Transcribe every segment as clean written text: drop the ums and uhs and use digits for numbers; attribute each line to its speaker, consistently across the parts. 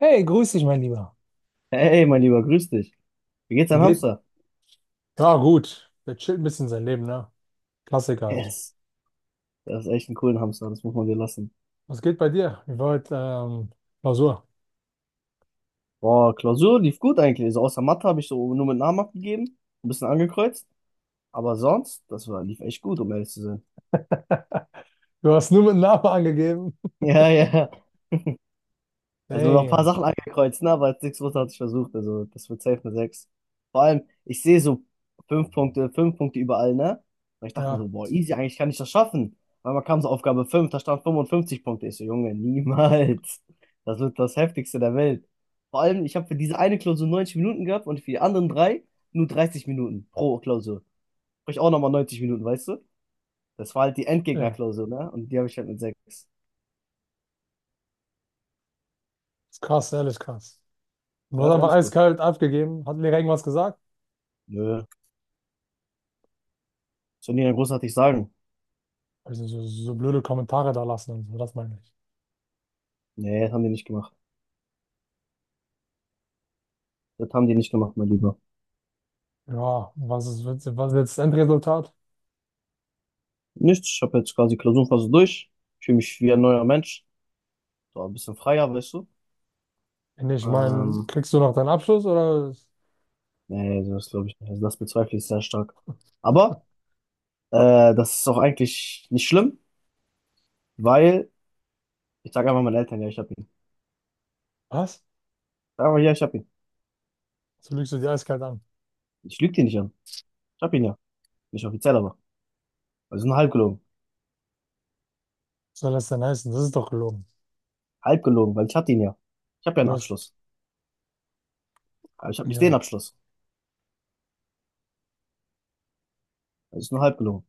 Speaker 1: Hey, grüß dich, mein Lieber.
Speaker 2: Hey, mein Lieber, grüß dich. Wie geht's
Speaker 1: Wie
Speaker 2: dein
Speaker 1: geht?
Speaker 2: Hamster?
Speaker 1: Ja, gut. Der chillt ein bisschen sein Leben, ne? Klassiker halt.
Speaker 2: Yes. Das ist echt ein cooler Hamster, das muss man dir lassen.
Speaker 1: Was geht bei dir? Wie war heute Klausur?
Speaker 2: Boah, Klausur lief gut eigentlich. Also außer Mathe habe ich so nur mit Namen abgegeben, ein bisschen angekreuzt. Aber sonst, lief echt gut, um ehrlich zu sein.
Speaker 1: Du hast nur mit Namen angegeben.
Speaker 2: Ja, ja. Also noch ein paar
Speaker 1: Damn.
Speaker 2: Sachen angekreuzt, ne? Aber jetzt hatte ich versucht. Also das wird safe eine 6. Vor allem, ich sehe so fünf Punkte überall, ne? Und ich dachte mir
Speaker 1: Ja,
Speaker 2: so, boah, easy, eigentlich kann ich das schaffen. Weil man kam so Aufgabe 5, da stand 55 Punkte. Ich so, Junge, niemals. Das wird das Heftigste der Welt. Vor allem, ich habe für diese eine Klausur 90 Minuten gehabt und für die anderen drei nur 30 Minuten pro Klausur. Sprich, auch nochmal 90 Minuten, weißt du? Das war halt die
Speaker 1: ja.
Speaker 2: Endgegnerklausur, ne? Und die habe ich halt mit 6.
Speaker 1: Ist krass, ehrlich krass. Du
Speaker 2: Ja,
Speaker 1: hast
Speaker 2: ist
Speaker 1: einfach
Speaker 2: ehrlich gut.
Speaker 1: eiskalt abgegeben. Hat Lehrer irgendwas gesagt?
Speaker 2: Nö, soll ich nicht großartig sagen.
Speaker 1: Also so, so blöde Kommentare da lassen und so, das meine ich.
Speaker 2: Nee, das haben die nicht gemacht. Das haben die nicht gemacht, mein Lieber.
Speaker 1: Ja, was ist jetzt das Endresultat?
Speaker 2: Nichts, ich habe jetzt quasi Klausurenphase durch. Ich fühle mich wie ein neuer Mensch. So ein bisschen freier, weißt du.
Speaker 1: Ich meine,
Speaker 2: Ähm,
Speaker 1: kriegst du noch deinen Abschluss oder
Speaker 2: Nee, das glaube ich nicht. Also das bezweifle ich sehr stark. Aber das ist auch eigentlich nicht schlimm, weil ich sage einfach meinen Eltern, ja, ich hab ihn.
Speaker 1: was?
Speaker 2: Sag einfach, ja, ich hab ihn.
Speaker 1: So lügst du die eiskalt an.
Speaker 2: Ich lüge dir nicht an. Ich hab ihn ja. Nicht offiziell, aber. Also nur halb gelogen.
Speaker 1: Was soll das denn heißen? Das ist doch gelogen.
Speaker 2: Halb gelogen, weil ich hatte ihn ja. Ich habe ja
Speaker 1: Du
Speaker 2: einen
Speaker 1: hast,
Speaker 2: Abschluss. Aber ich habe nicht den
Speaker 1: ja.
Speaker 2: Abschluss. Das ist nur halb gelogen.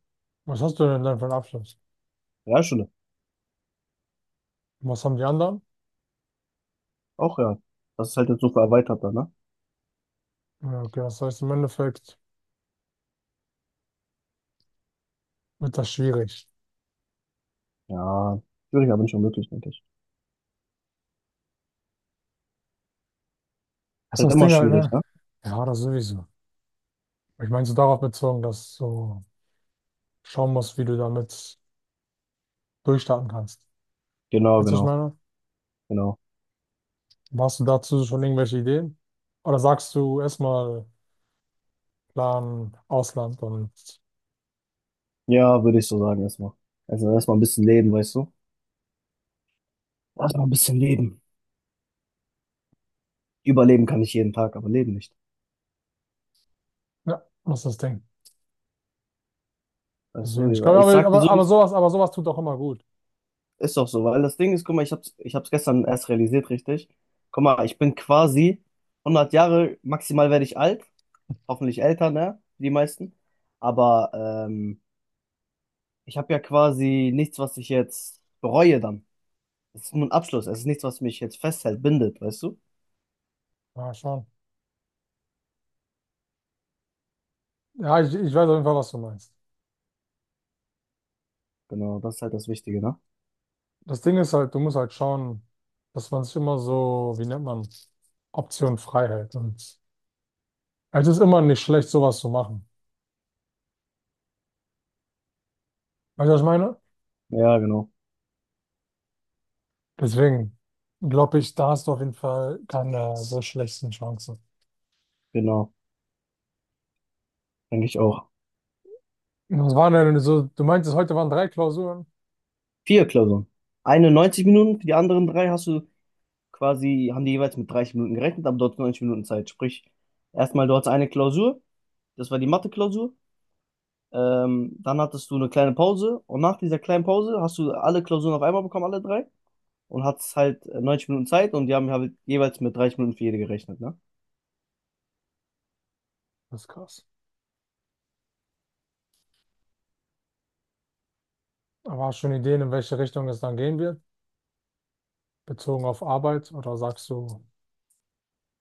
Speaker 1: Was hast du denn dann für einen Abschluss?
Speaker 2: Realschule.
Speaker 1: Was haben die anderen?
Speaker 2: Auch ja. Das ist halt jetzt so erweitert, ne?
Speaker 1: Ja, okay, das heißt, im Endeffekt wird das schwierig.
Speaker 2: Ja, schwierig, aber nicht unmöglich, denke ich. Ist
Speaker 1: Das ist
Speaker 2: halt
Speaker 1: das
Speaker 2: immer
Speaker 1: Ding halt,
Speaker 2: schwierig,
Speaker 1: ne?
Speaker 2: ne?
Speaker 1: Ja, das sowieso. Ich meine, so darauf bezogen, dass du schauen musst, wie du damit durchstarten kannst.
Speaker 2: Genau,
Speaker 1: Weißt du, was ich
Speaker 2: genau,
Speaker 1: meine?
Speaker 2: genau.
Speaker 1: Hast du dazu schon irgendwelche Ideen? Oder sagst du erstmal Plan Ausland und
Speaker 2: Ja, würde ich so sagen erstmal. Also erstmal ein bisschen leben, weißt du? Erstmal ein bisschen leben. Überleben kann ich jeden Tag, aber leben nicht.
Speaker 1: ja, was ist das Ding?
Speaker 2: Weißt
Speaker 1: Deswegen, ich
Speaker 2: du,
Speaker 1: glaube,
Speaker 2: ich
Speaker 1: aber,
Speaker 2: sag dir
Speaker 1: aber,
Speaker 2: so, wie
Speaker 1: aber
Speaker 2: es
Speaker 1: sowas, aber sowas tut doch immer gut.
Speaker 2: ist, doch so, weil das Ding ist, guck mal, ich hab's gestern erst realisiert, richtig? Guck mal, ich bin quasi 100 Jahre, maximal werde ich alt, hoffentlich älter, ne? Die meisten. Aber ähm, ich habe ja quasi nichts, was ich jetzt bereue dann. Es ist nur ein Abschluss. Es ist nichts, was mich jetzt festhält, bindet, weißt du?
Speaker 1: Ja, schon. Ja, ich weiß auf jeden Fall, was du meinst.
Speaker 2: Genau, das ist halt das Wichtige, ne?
Speaker 1: Das Ding ist halt, du musst halt schauen, dass man sich immer so, wie nennt man, Option frei hält. Und es ist immer nicht schlecht, sowas zu machen. Weißt du, was ich meine?
Speaker 2: Ja, genau.
Speaker 1: Deswegen glaube ich, da hast du auf jeden Fall keine so schlechten Chancen.
Speaker 2: Genau. Denke ich auch.
Speaker 1: Und was waren denn so, du meintest, heute waren 3 Klausuren.
Speaker 2: Vier Klausuren. Eine 90 Minuten, für die anderen drei hast du quasi, haben die jeweils mit 30 Minuten gerechnet, aber du hattest 90 Minuten Zeit. Sprich, erstmal du hattest eine Klausur, das war die Mathe-Klausur. Dann hattest du eine kleine Pause und nach dieser kleinen Pause hast du alle Klausuren auf einmal bekommen, alle drei, und hattest halt 90 Minuten Zeit und die haben halt jeweils mit 30 Minuten für jede gerechnet, ne?
Speaker 1: Das ist krass. Aber hast du schon Ideen, in welche Richtung es dann gehen wird, bezogen auf Arbeit? Oder sagst du,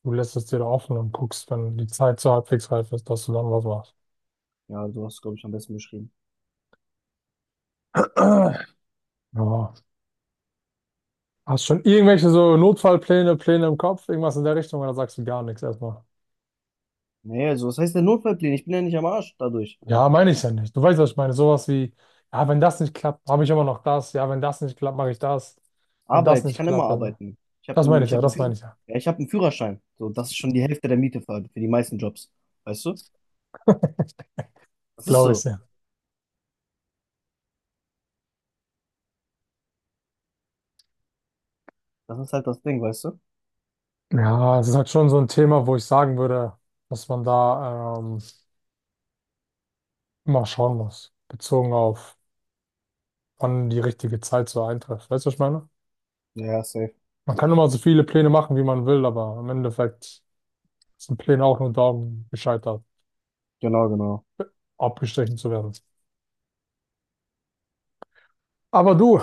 Speaker 1: du lässt es dir da offen und guckst, wenn die Zeit so halbwegs reif ist, dass du dann was machst?
Speaker 2: Ja, du hast, du, glaube ich, am besten beschrieben.
Speaker 1: Ja. Hast schon irgendwelche so Notfallpläne, Pläne im Kopf, irgendwas in der Richtung oder sagst du gar nichts erstmal?
Speaker 2: Nee, also was heißt der Notfallplan? Ich bin ja nicht am Arsch dadurch.
Speaker 1: Ja, meine ich ja nicht. Du weißt, was ich meine. Sowas wie, ja, wenn das nicht klappt, habe ich immer noch das. Ja, wenn das nicht klappt, mache ich das. Wenn das
Speaker 2: Arbeit, ich
Speaker 1: nicht
Speaker 2: kann immer
Speaker 1: klappt, dann.
Speaker 2: arbeiten.
Speaker 1: Das meine ich
Speaker 2: Ich
Speaker 1: ja,
Speaker 2: habe einen
Speaker 1: das
Speaker 2: Führ
Speaker 1: meine ich ja.
Speaker 2: ja, ich habe einen Führerschein. So, das ist schon die Hälfte der Miete für die meisten Jobs. Weißt du? Das ist
Speaker 1: Glaube ich
Speaker 2: so.
Speaker 1: ja.
Speaker 2: Das ist halt das Ding, weißt du?
Speaker 1: Ja, es ist halt schon so ein Thema, wo ich sagen würde, dass man da immer schauen muss, bezogen auf, wann die richtige Zeit so eintrifft. Weißt du, was ich meine?
Speaker 2: Ja, ja, safe.
Speaker 1: Man kann immer so viele Pläne machen, wie man will, aber im Endeffekt sind Pläne auch nur darum gescheitert.
Speaker 2: Genau, genau.
Speaker 1: Abgestrichen zu werden. Aber du,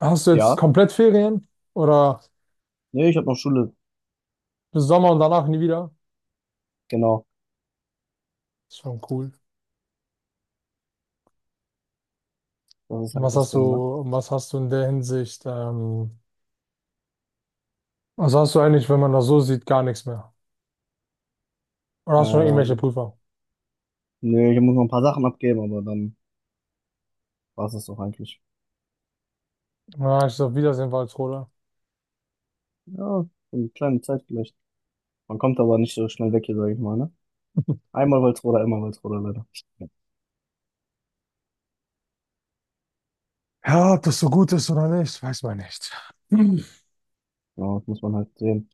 Speaker 1: hast du jetzt
Speaker 2: Ja.
Speaker 1: komplett Ferien oder
Speaker 2: Nee, ich habe noch Schule.
Speaker 1: bis Sommer und danach nie wieder?
Speaker 2: Genau.
Speaker 1: Ist schon cool.
Speaker 2: Das ist
Speaker 1: Und
Speaker 2: halt
Speaker 1: was
Speaker 2: das
Speaker 1: hast
Speaker 2: Ding, ne?
Speaker 1: du, was hast du in der Hinsicht? Was hast du eigentlich, wenn man das so sieht, gar nichts mehr? Oder hast du noch irgendwelche
Speaker 2: Ähm,
Speaker 1: Prüfer?
Speaker 2: Nee, ich muss noch ein paar Sachen abgeben, aber dann war es das doch eigentlich.
Speaker 1: Na, ich sag Wiedersehen, Walsrode.
Speaker 2: Ja, so eine kleine Zeit vielleicht. Man kommt aber nicht so schnell weg hier, sage ich mal, ne? Einmal Walsrode, immer Walsrode, leider. Ja,
Speaker 1: Ja, ob das so gut ist oder nicht, weiß man nicht. Hm.
Speaker 2: genau, das muss man halt sehen.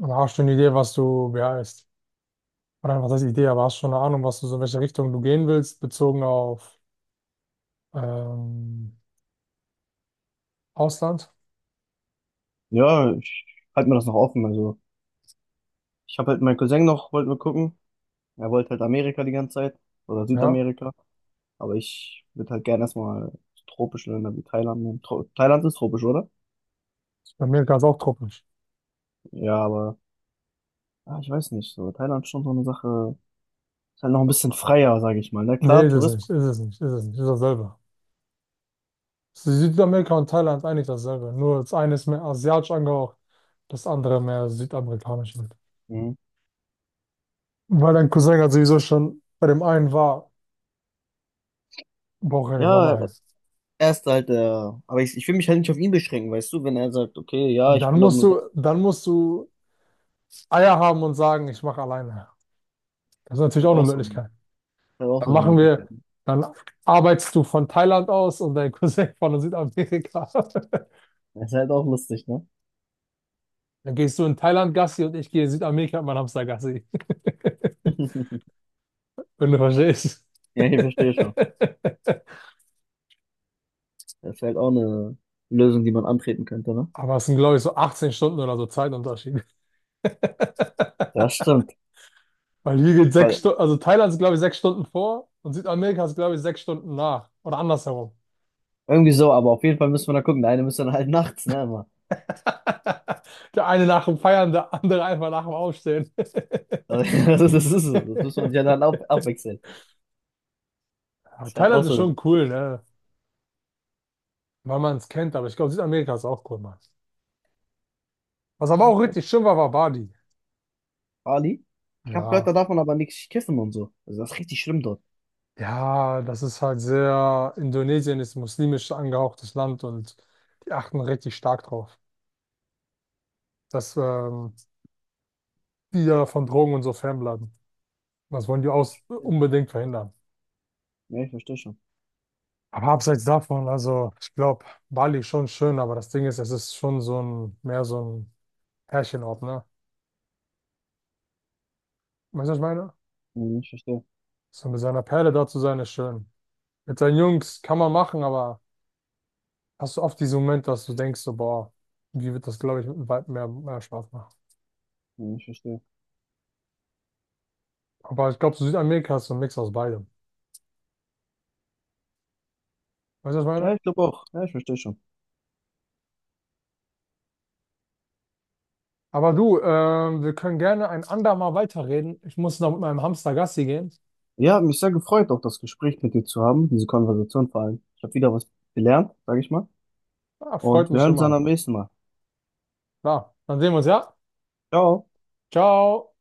Speaker 1: Aber hast du eine Idee, was du beeilst? Oder was heißt Idee, aber hast du schon eine Ahnung, was du so in welche Richtung du gehen willst, bezogen auf ähm, Ausland?
Speaker 2: Ja, ich halte mir das noch offen. Also, ich habe halt meinen Cousin noch, wollten wir gucken. Er wollte halt Amerika die ganze Zeit oder
Speaker 1: Ja,
Speaker 2: Südamerika. Aber ich würde halt gerne erstmal tropische Länder wie Thailand nehmen. Tro Thailand ist tropisch, oder?
Speaker 1: bei mir ganz auch Truppen.
Speaker 2: Ja, aber ah, ich weiß nicht. So, Thailand ist schon so eine Sache. Ist halt noch ein bisschen freier, sage ich mal. Na
Speaker 1: Nee,
Speaker 2: klar,
Speaker 1: ist es nicht,
Speaker 2: Tourismus.
Speaker 1: ist es nicht, ist es nicht, ist dasselbe. Südamerika und Thailand ist eigentlich dasselbe, nur das eine ist mehr asiatisch angehaucht, das andere mehr südamerikanisch wird.
Speaker 2: Mhm.
Speaker 1: Weil dein Cousin halt sowieso schon bei dem einen war, braucht er nicht
Speaker 2: Ja,
Speaker 1: nochmal hin.
Speaker 2: er ist halt der. Aber ich will mich halt nicht auf ihn beschränken, weißt du, wenn er sagt, okay, ja, ich
Speaker 1: Dann
Speaker 2: will aber
Speaker 1: musst
Speaker 2: nur das,
Speaker 1: du, dann musst du Eier haben und sagen, ich mache alleine. Das ist
Speaker 2: ist
Speaker 1: natürlich auch
Speaker 2: halt
Speaker 1: eine
Speaker 2: auch so,
Speaker 1: Möglichkeit.
Speaker 2: ist halt auch so
Speaker 1: Dann
Speaker 2: eine
Speaker 1: machen
Speaker 2: Möglichkeit.
Speaker 1: wir, dann arbeitest du von Thailand aus und dein Cousin von Südamerika.
Speaker 2: Das ist halt auch lustig, ne?
Speaker 1: Dann gehst du in Thailand Gassi und ich gehe in Südamerika mit meinem Hamster Gassi. Wenn du verstehst.
Speaker 2: Ja, ich verstehe schon. Das ist halt auch eine Lösung, die man antreten könnte, ne?
Speaker 1: Aber es sind, glaube ich, so 18 Stunden oder so Zeitunterschied.
Speaker 2: Ja, stimmt.
Speaker 1: Weil hier geht sechs
Speaker 2: Weil
Speaker 1: Stunden, also Thailand ist, glaube ich, 6 Stunden vor und Südamerika ist, glaube ich, 6 Stunden nach. Oder andersherum.
Speaker 2: irgendwie so, aber auf jeden Fall müssen wir da gucken. Der eine müsste dann halt nachts, ne, immer.
Speaker 1: Der eine nach dem Feiern, der andere einfach nach dem Aufstehen.
Speaker 2: Also, das ist, das ist so. Das muss man sich dann ab abwechseln. Das
Speaker 1: Aber
Speaker 2: ist halt auch
Speaker 1: Thailand ist
Speaker 2: so.
Speaker 1: schon cool, ne? Weil man es kennt, aber ich glaube, Südamerika ist auch cool, Mann. Was aber auch
Speaker 2: Ich weiß,
Speaker 1: richtig schön war, war Bali.
Speaker 2: Bali? Ich habe gehört,
Speaker 1: Ja.
Speaker 2: da darf man aber nichts kiffen und so. Also das ist richtig schlimm dort.
Speaker 1: Ja, das ist halt sehr, Indonesien ist muslimisch angehauchtes Land und die achten richtig stark drauf. Das, die ja von Drogen und so fernbleiben. Das wollen die aus
Speaker 2: Ja,
Speaker 1: unbedingt verhindern.
Speaker 2: ja, ich verstehe schon.
Speaker 1: Aber abseits davon, also ich glaube, Bali ist schon schön, aber das Ding ist, es ist schon so ein, mehr so ein Pärchenort, ne? Weißt du, was ich meine?
Speaker 2: Hm, ich verstehe.
Speaker 1: So mit seiner Perle da zu sein, ist schön. Mit seinen Jungs kann man machen, aber hast du oft diesen Moment, dass du denkst, so, boah, wie wird das, glaube ich, mit dem Weib mehr Spaß machen?
Speaker 2: Hm, ich verstehe.
Speaker 1: Aber ich glaube, so Südamerika ist so ein Mix aus beidem. Weißt du, was ich
Speaker 2: Ja,
Speaker 1: meine?
Speaker 2: ich glaube auch. Ja, ich verstehe schon.
Speaker 1: Aber du, wir können gerne ein andermal weiterreden. Ich muss noch mit meinem Hamster Gassi gehen.
Speaker 2: Ja, hat mich sehr gefreut, auch das Gespräch mit dir zu haben, diese Konversation vor allem. Ich habe wieder was gelernt, sage ich mal.
Speaker 1: Ah, freut
Speaker 2: Und wir
Speaker 1: mich
Speaker 2: hören uns dann am
Speaker 1: immer.
Speaker 2: nächsten Mal.
Speaker 1: Klar, dann sehen wir uns, ja?
Speaker 2: Ciao.
Speaker 1: Ciao.